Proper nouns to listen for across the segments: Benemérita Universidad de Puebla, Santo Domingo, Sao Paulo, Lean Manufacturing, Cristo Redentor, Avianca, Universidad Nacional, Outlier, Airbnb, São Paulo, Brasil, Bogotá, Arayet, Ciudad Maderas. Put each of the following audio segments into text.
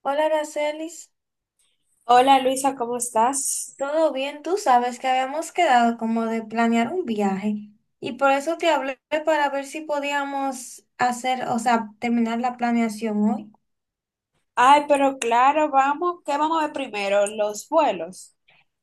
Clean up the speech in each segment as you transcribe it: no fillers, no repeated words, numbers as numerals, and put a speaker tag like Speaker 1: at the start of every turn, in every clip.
Speaker 1: Hola, Aracelis.
Speaker 2: Hola Luisa, ¿cómo estás?
Speaker 1: ¿Todo bien? Tú sabes que habíamos quedado como de planear un viaje y por eso te hablé para ver si podíamos hacer, o sea, terminar la planeación hoy.
Speaker 2: Ay, pero claro, vamos, ¿qué vamos a ver primero? Los vuelos.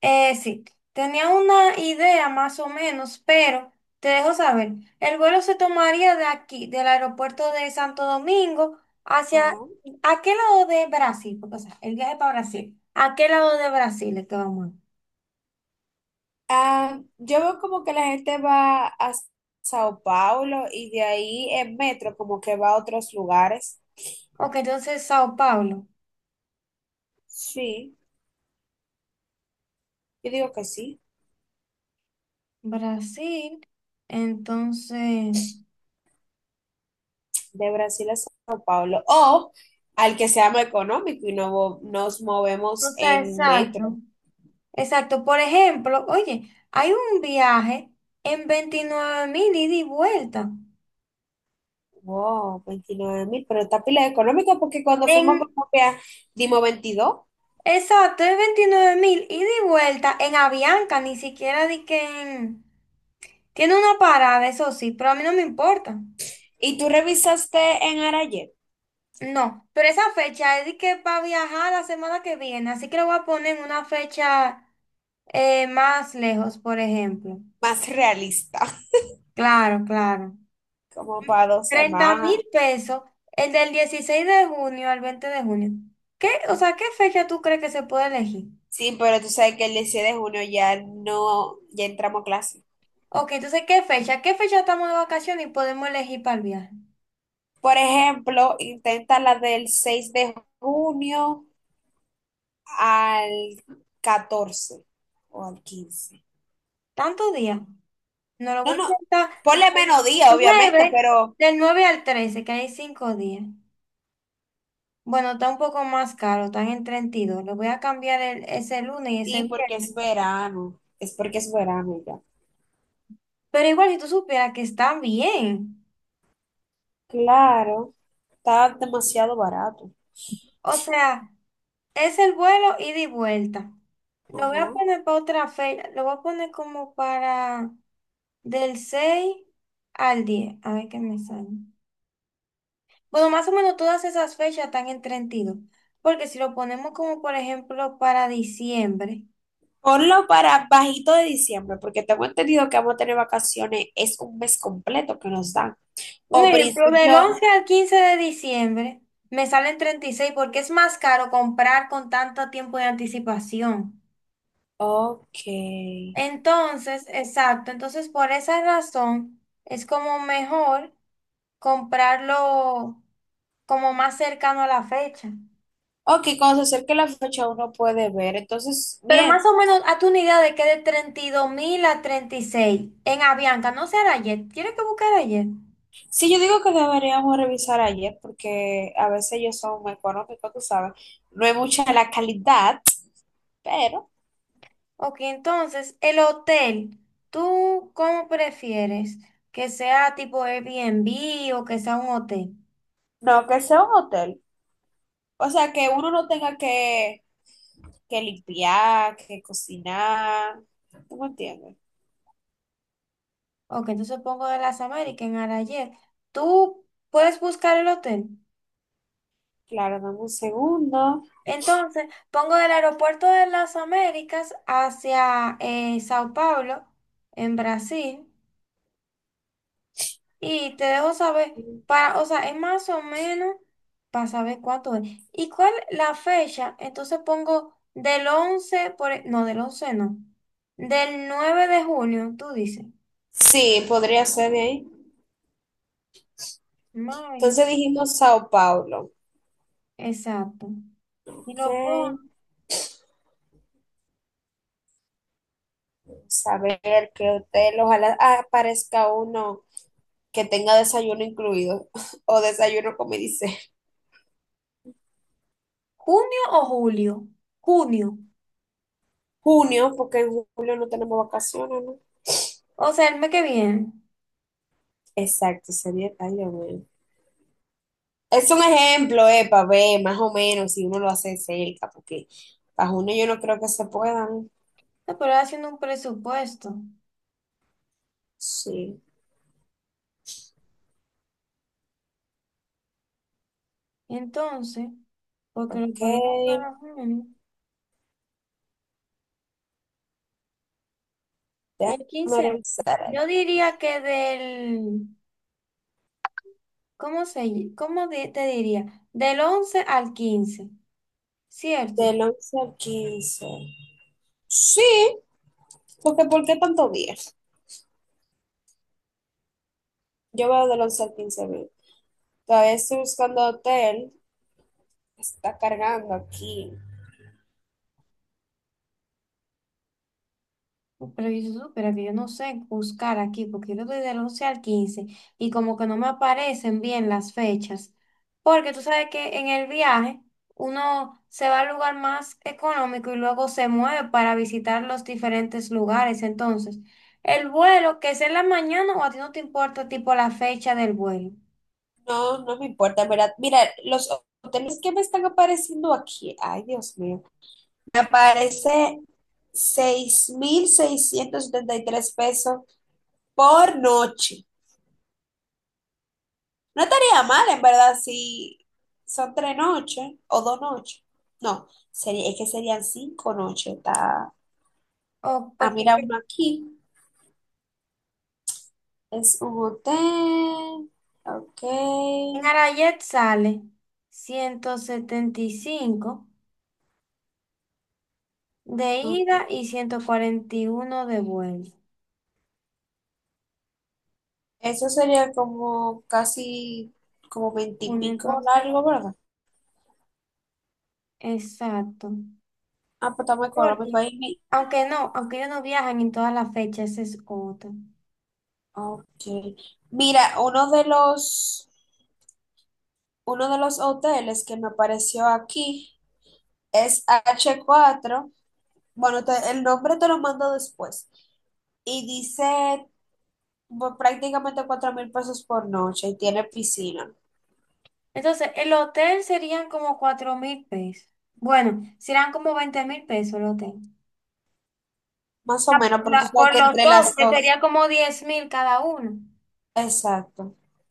Speaker 1: Sí, tenía una idea más o menos, pero te dejo saber. El vuelo se tomaría de aquí, del aeropuerto de Santo Domingo, hacia,
Speaker 2: Ajá.
Speaker 1: ¿a qué lado de Brasil? Porque, o sea, el viaje para Brasil. ¿A qué lado de Brasil es que vamos?
Speaker 2: Ah, yo veo como que la gente va a Sao Paulo y de ahí en metro como que va a otros lugares.
Speaker 1: Ok, entonces Sao Paulo.
Speaker 2: Sí, yo digo que sí,
Speaker 1: Brasil, entonces,
Speaker 2: de Brasil a Sao Paulo. O al que sea más económico y no, nos movemos
Speaker 1: o sea,
Speaker 2: en
Speaker 1: exacto,
Speaker 2: metro.
Speaker 1: exacto. Por ejemplo, oye, hay un viaje en 29.000 ida y vuelta.
Speaker 2: Wow, 29,000, pero está pila económica porque cuando fuimos
Speaker 1: En,
Speaker 2: como que dimos 22.
Speaker 1: exacto, es 29.000 ida y vuelta en Avianca, ni siquiera di que en- tiene una parada, eso sí, pero a mí no me importa.
Speaker 2: ¿Y tú revisaste en Arayet?
Speaker 1: No, pero esa fecha es de que para viajar la semana que viene, así que lo voy a poner en una fecha más lejos, por ejemplo.
Speaker 2: Más realista,
Speaker 1: Claro, claro.
Speaker 2: como para dos
Speaker 1: 30.000
Speaker 2: semanas.
Speaker 1: pesos, el del 16 de junio al 20 de junio. ¿Qué? O sea, ¿qué fecha tú crees que se puede elegir?
Speaker 2: Sí, pero tú sabes que el 16 de junio ya no, ya entramos a clase.
Speaker 1: Ok, entonces, ¿qué fecha? ¿Qué fecha estamos de vacaciones y podemos elegir para el viaje?
Speaker 2: Por ejemplo, intenta la del 6 de junio al 14 o al 15.
Speaker 1: ¿Tantos días? No lo
Speaker 2: No,
Speaker 1: voy a
Speaker 2: no,
Speaker 1: intentar.
Speaker 2: ponle menos día,
Speaker 1: Del
Speaker 2: obviamente,
Speaker 1: 9,
Speaker 2: pero
Speaker 1: del 9 al 13, que hay 5 días. Bueno, está un poco más caro, están en 32. Lo voy a cambiar el- ese lunes y ese
Speaker 2: sí, porque
Speaker 1: viernes.
Speaker 2: es verano. Es porque es verano ya.
Speaker 1: Pero igual, si tú supieras que están bien.
Speaker 2: Claro, está demasiado barato.
Speaker 1: O sea, es el vuelo ida y vuelta. Lo voy
Speaker 2: Ajá.
Speaker 1: a poner para otra fecha. Lo voy a poner como para del 6 al 10. A ver qué me sale. Bueno, más o menos todas esas fechas están en 32. Porque si lo ponemos como por ejemplo para diciembre.
Speaker 2: Ponlo para bajito de diciembre, porque tengo entendido que vamos a tener vacaciones, es un mes completo que nos dan.
Speaker 1: Un
Speaker 2: O
Speaker 1: ejemplo, del
Speaker 2: principio,
Speaker 1: 11 al 15 de diciembre me salen 36 porque es más caro comprar con tanto tiempo de anticipación.
Speaker 2: ok.
Speaker 1: Entonces, exacto. Entonces, por esa razón es como mejor comprarlo como más cercano a la fecha.
Speaker 2: Ok, cuando se acerque la fecha uno puede ver. Entonces,
Speaker 1: Pero
Speaker 2: bien.
Speaker 1: más o menos, hazte una idea de que de 32.000 a 36 en Avianca, no será ayer. ¿Tienes que buscar ayer?
Speaker 2: Sí, yo digo que deberíamos revisar ayer, porque a veces ellos son económicos, tú sabes. No hay mucha la calidad, pero
Speaker 1: Ok, entonces, el hotel, ¿tú cómo prefieres? ¿Que sea tipo Airbnb o que sea un hotel?
Speaker 2: no, que sea un hotel. O sea, que uno no tenga que limpiar, que cocinar. ¿Tú me entiendes?
Speaker 1: Ok, entonces pongo de las Américas en Arayet. ¿Tú puedes buscar el hotel?
Speaker 2: Claro, dame un segundo.
Speaker 1: Entonces, pongo del aeropuerto de las Américas hacia Sao Paulo, en Brasil, y te dejo saber, para, o sea, es más o menos para saber cuánto es. ¿Y cuál la fecha? Entonces pongo del 11 por, e- no, del 11 no, del 9 de junio, tú dices.
Speaker 2: Sí, podría ser de ahí.
Speaker 1: Mayo,
Speaker 2: Entonces dijimos Sao Paulo.
Speaker 1: exacto. Y
Speaker 2: Ok,
Speaker 1: lo pongo,
Speaker 2: saber a ver qué hotel. Ojalá aparezca uno que tenga desayuno incluido o desayuno, como dice.
Speaker 1: ¿junio o julio? Junio,
Speaker 2: Junio, porque en julio no tenemos vacaciones, ¿no?
Speaker 1: o sea, el mes que viene.
Speaker 2: Exacto, sería. Ay, Dios mío. Es un ejemplo, para ver más o menos si uno lo hace cerca, porque para junio yo no creo que se puedan.
Speaker 1: No, pero haciendo un presupuesto.
Speaker 2: Sí,
Speaker 1: Entonces, porque lo
Speaker 2: ok.
Speaker 1: ponemos para junio, el
Speaker 2: Déjame
Speaker 1: 15,
Speaker 2: revisar.
Speaker 1: yo diría que del, ¿cómo se, ll- cómo di- te diría? Del 11 al 15, ¿cierto?
Speaker 2: Del 11 al 15. Sí, porque, ¿por qué tanto días? Yo veo del 11 al 15 mil. Todavía estoy buscando hotel. Está cargando aquí.
Speaker 1: Pero yo supiera que yo no sé buscar aquí, porque yo doy del 11 al 15 y como que no me aparecen bien las fechas. Porque tú sabes que en el viaje uno se va al lugar más económico y luego se mueve para visitar los diferentes lugares. Entonces, el vuelo, que es en la mañana o a ti no te importa tipo la fecha del vuelo.
Speaker 2: No, no me importa, ¿en verdad? Mira, los hoteles que me están apareciendo aquí. Ay, Dios mío. Me aparece 6,673 pesos por noche. No estaría mal, en verdad, si son 3 noches o 2 noches. No, sería, es que serían 5 noches. Está,
Speaker 1: O
Speaker 2: ah
Speaker 1: porque
Speaker 2: mira
Speaker 1: que-
Speaker 2: uno aquí. Es un hotel. Ok.
Speaker 1: en Arayet sale 175 de
Speaker 2: Ujú.
Speaker 1: ida y 141 de vuelta.
Speaker 2: Eso sería como casi como
Speaker 1: Bueno,
Speaker 2: veintipico
Speaker 1: entonces,
Speaker 2: largo, ¿verdad?
Speaker 1: exacto.
Speaker 2: Ah, pues está muy económico
Speaker 1: Porque,
Speaker 2: ahí.
Speaker 1: aunque no, aunque ellos no viajan en todas las fechas, ese es otro.
Speaker 2: Ok. Mira, uno de los hoteles que me apareció aquí es h cuatro. Bueno, el nombre te lo mando después. Y dice prácticamente 4,000 pesos por noche y tiene piscina.
Speaker 1: Entonces, el hotel serían como 4.000 pesos. Bueno, serán como 20.000 pesos el hotel.
Speaker 2: Más o
Speaker 1: Ah,
Speaker 2: menos,
Speaker 1: por,
Speaker 2: porque tú
Speaker 1: la-
Speaker 2: sabes
Speaker 1: por
Speaker 2: que
Speaker 1: los
Speaker 2: entre
Speaker 1: dos,
Speaker 2: las
Speaker 1: que
Speaker 2: dos.
Speaker 1: sería como 10.000 cada uno.
Speaker 2: Exacto.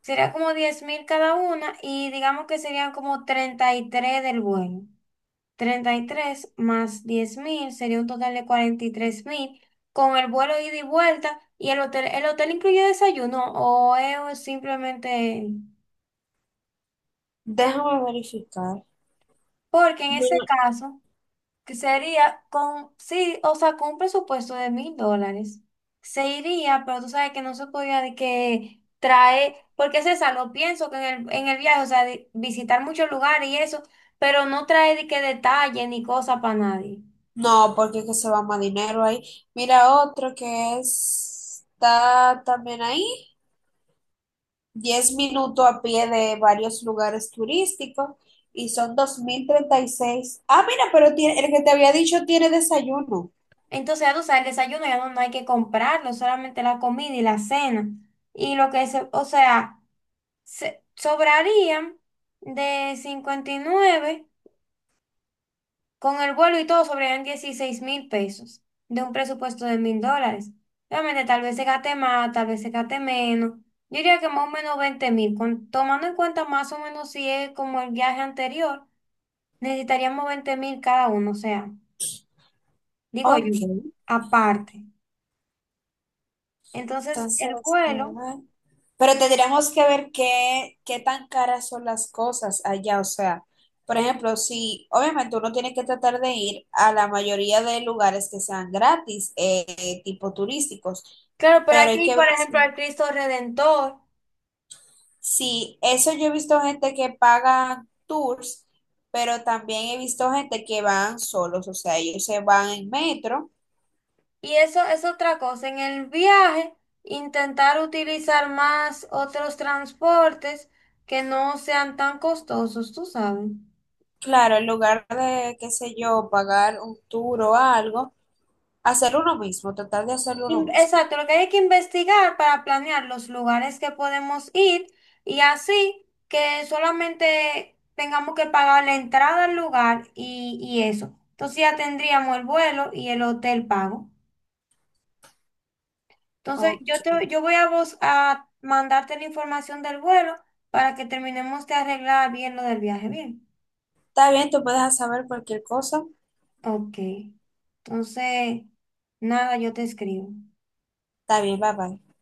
Speaker 1: Sería como diez mil cada una y digamos que serían como 33 del vuelo. 33 más 10.000 sería un total de 43.000, con el vuelo ida y vuelta y el hotel. ¿El hotel incluye desayuno o es simplemente...?
Speaker 2: Déjame verificar.
Speaker 1: Porque en ese
Speaker 2: No,
Speaker 1: caso, que sería con, sí, o sea, con un presupuesto de 1.000 dólares, se iría, pero tú sabes que no se podía de que trae, porque César, lo pienso que en el viaje, o sea, de visitar muchos lugares y eso, pero no trae de que detalle ni cosa para nadie.
Speaker 2: no, porque es que se va más dinero ahí. Mira otro que está también ahí. 10 minutos a pie de varios lugares turísticos y son 2,036. Ah, mira, pero tiene, el que te había dicho tiene desayuno.
Speaker 1: Entonces, ya tú sabes, el desayuno ya no, no hay que comprarlo, solamente la comida y la cena. Y lo que se, o sea, se- sobrarían de 59 con el vuelo y todo, sobrarían 16.000 pesos de un presupuesto de mil dólares. Realmente, tal vez se gaste más, tal vez se gaste menos. Yo diría que más o menos 20.000, con tomando en cuenta más o menos si es como el viaje anterior, necesitaríamos 20.000 cada uno, o sea, digo yo,
Speaker 2: Ok,
Speaker 1: aparte. Entonces, el
Speaker 2: entonces,
Speaker 1: vuelo.
Speaker 2: pero tendríamos que ver qué tan caras son las cosas allá. O sea, por ejemplo, si obviamente uno tiene que tratar de ir a la mayoría de lugares que sean gratis, tipo turísticos,
Speaker 1: Claro, pero
Speaker 2: pero hay
Speaker 1: aquí,
Speaker 2: que ver
Speaker 1: por ejemplo,
Speaker 2: si,
Speaker 1: al Cristo Redentor.
Speaker 2: eso yo he visto gente que paga tours, pero también he visto gente que van solos, o sea, ellos se van en metro.
Speaker 1: Y eso es otra cosa. En el viaje, intentar utilizar más otros transportes que no sean tan costosos, tú sabes.
Speaker 2: Claro, en lugar de, qué sé yo, pagar un tour o algo, hacer uno mismo, tratar de hacerlo uno
Speaker 1: In-
Speaker 2: mismo.
Speaker 1: Exacto, lo que hay que investigar para planear los lugares que podemos ir y así que solamente tengamos que pagar la entrada al lugar y eso. Entonces ya tendríamos el vuelo y el hotel pago. Entonces, yo,
Speaker 2: Ok.
Speaker 1: te, yo voy a, vos, a mandarte la información del vuelo para que terminemos de arreglar bien lo del viaje. Bien.
Speaker 2: Está bien, tú puedes saber cualquier cosa.
Speaker 1: Ok. Entonces, nada, yo te escribo.
Speaker 2: Está bien, bye bye.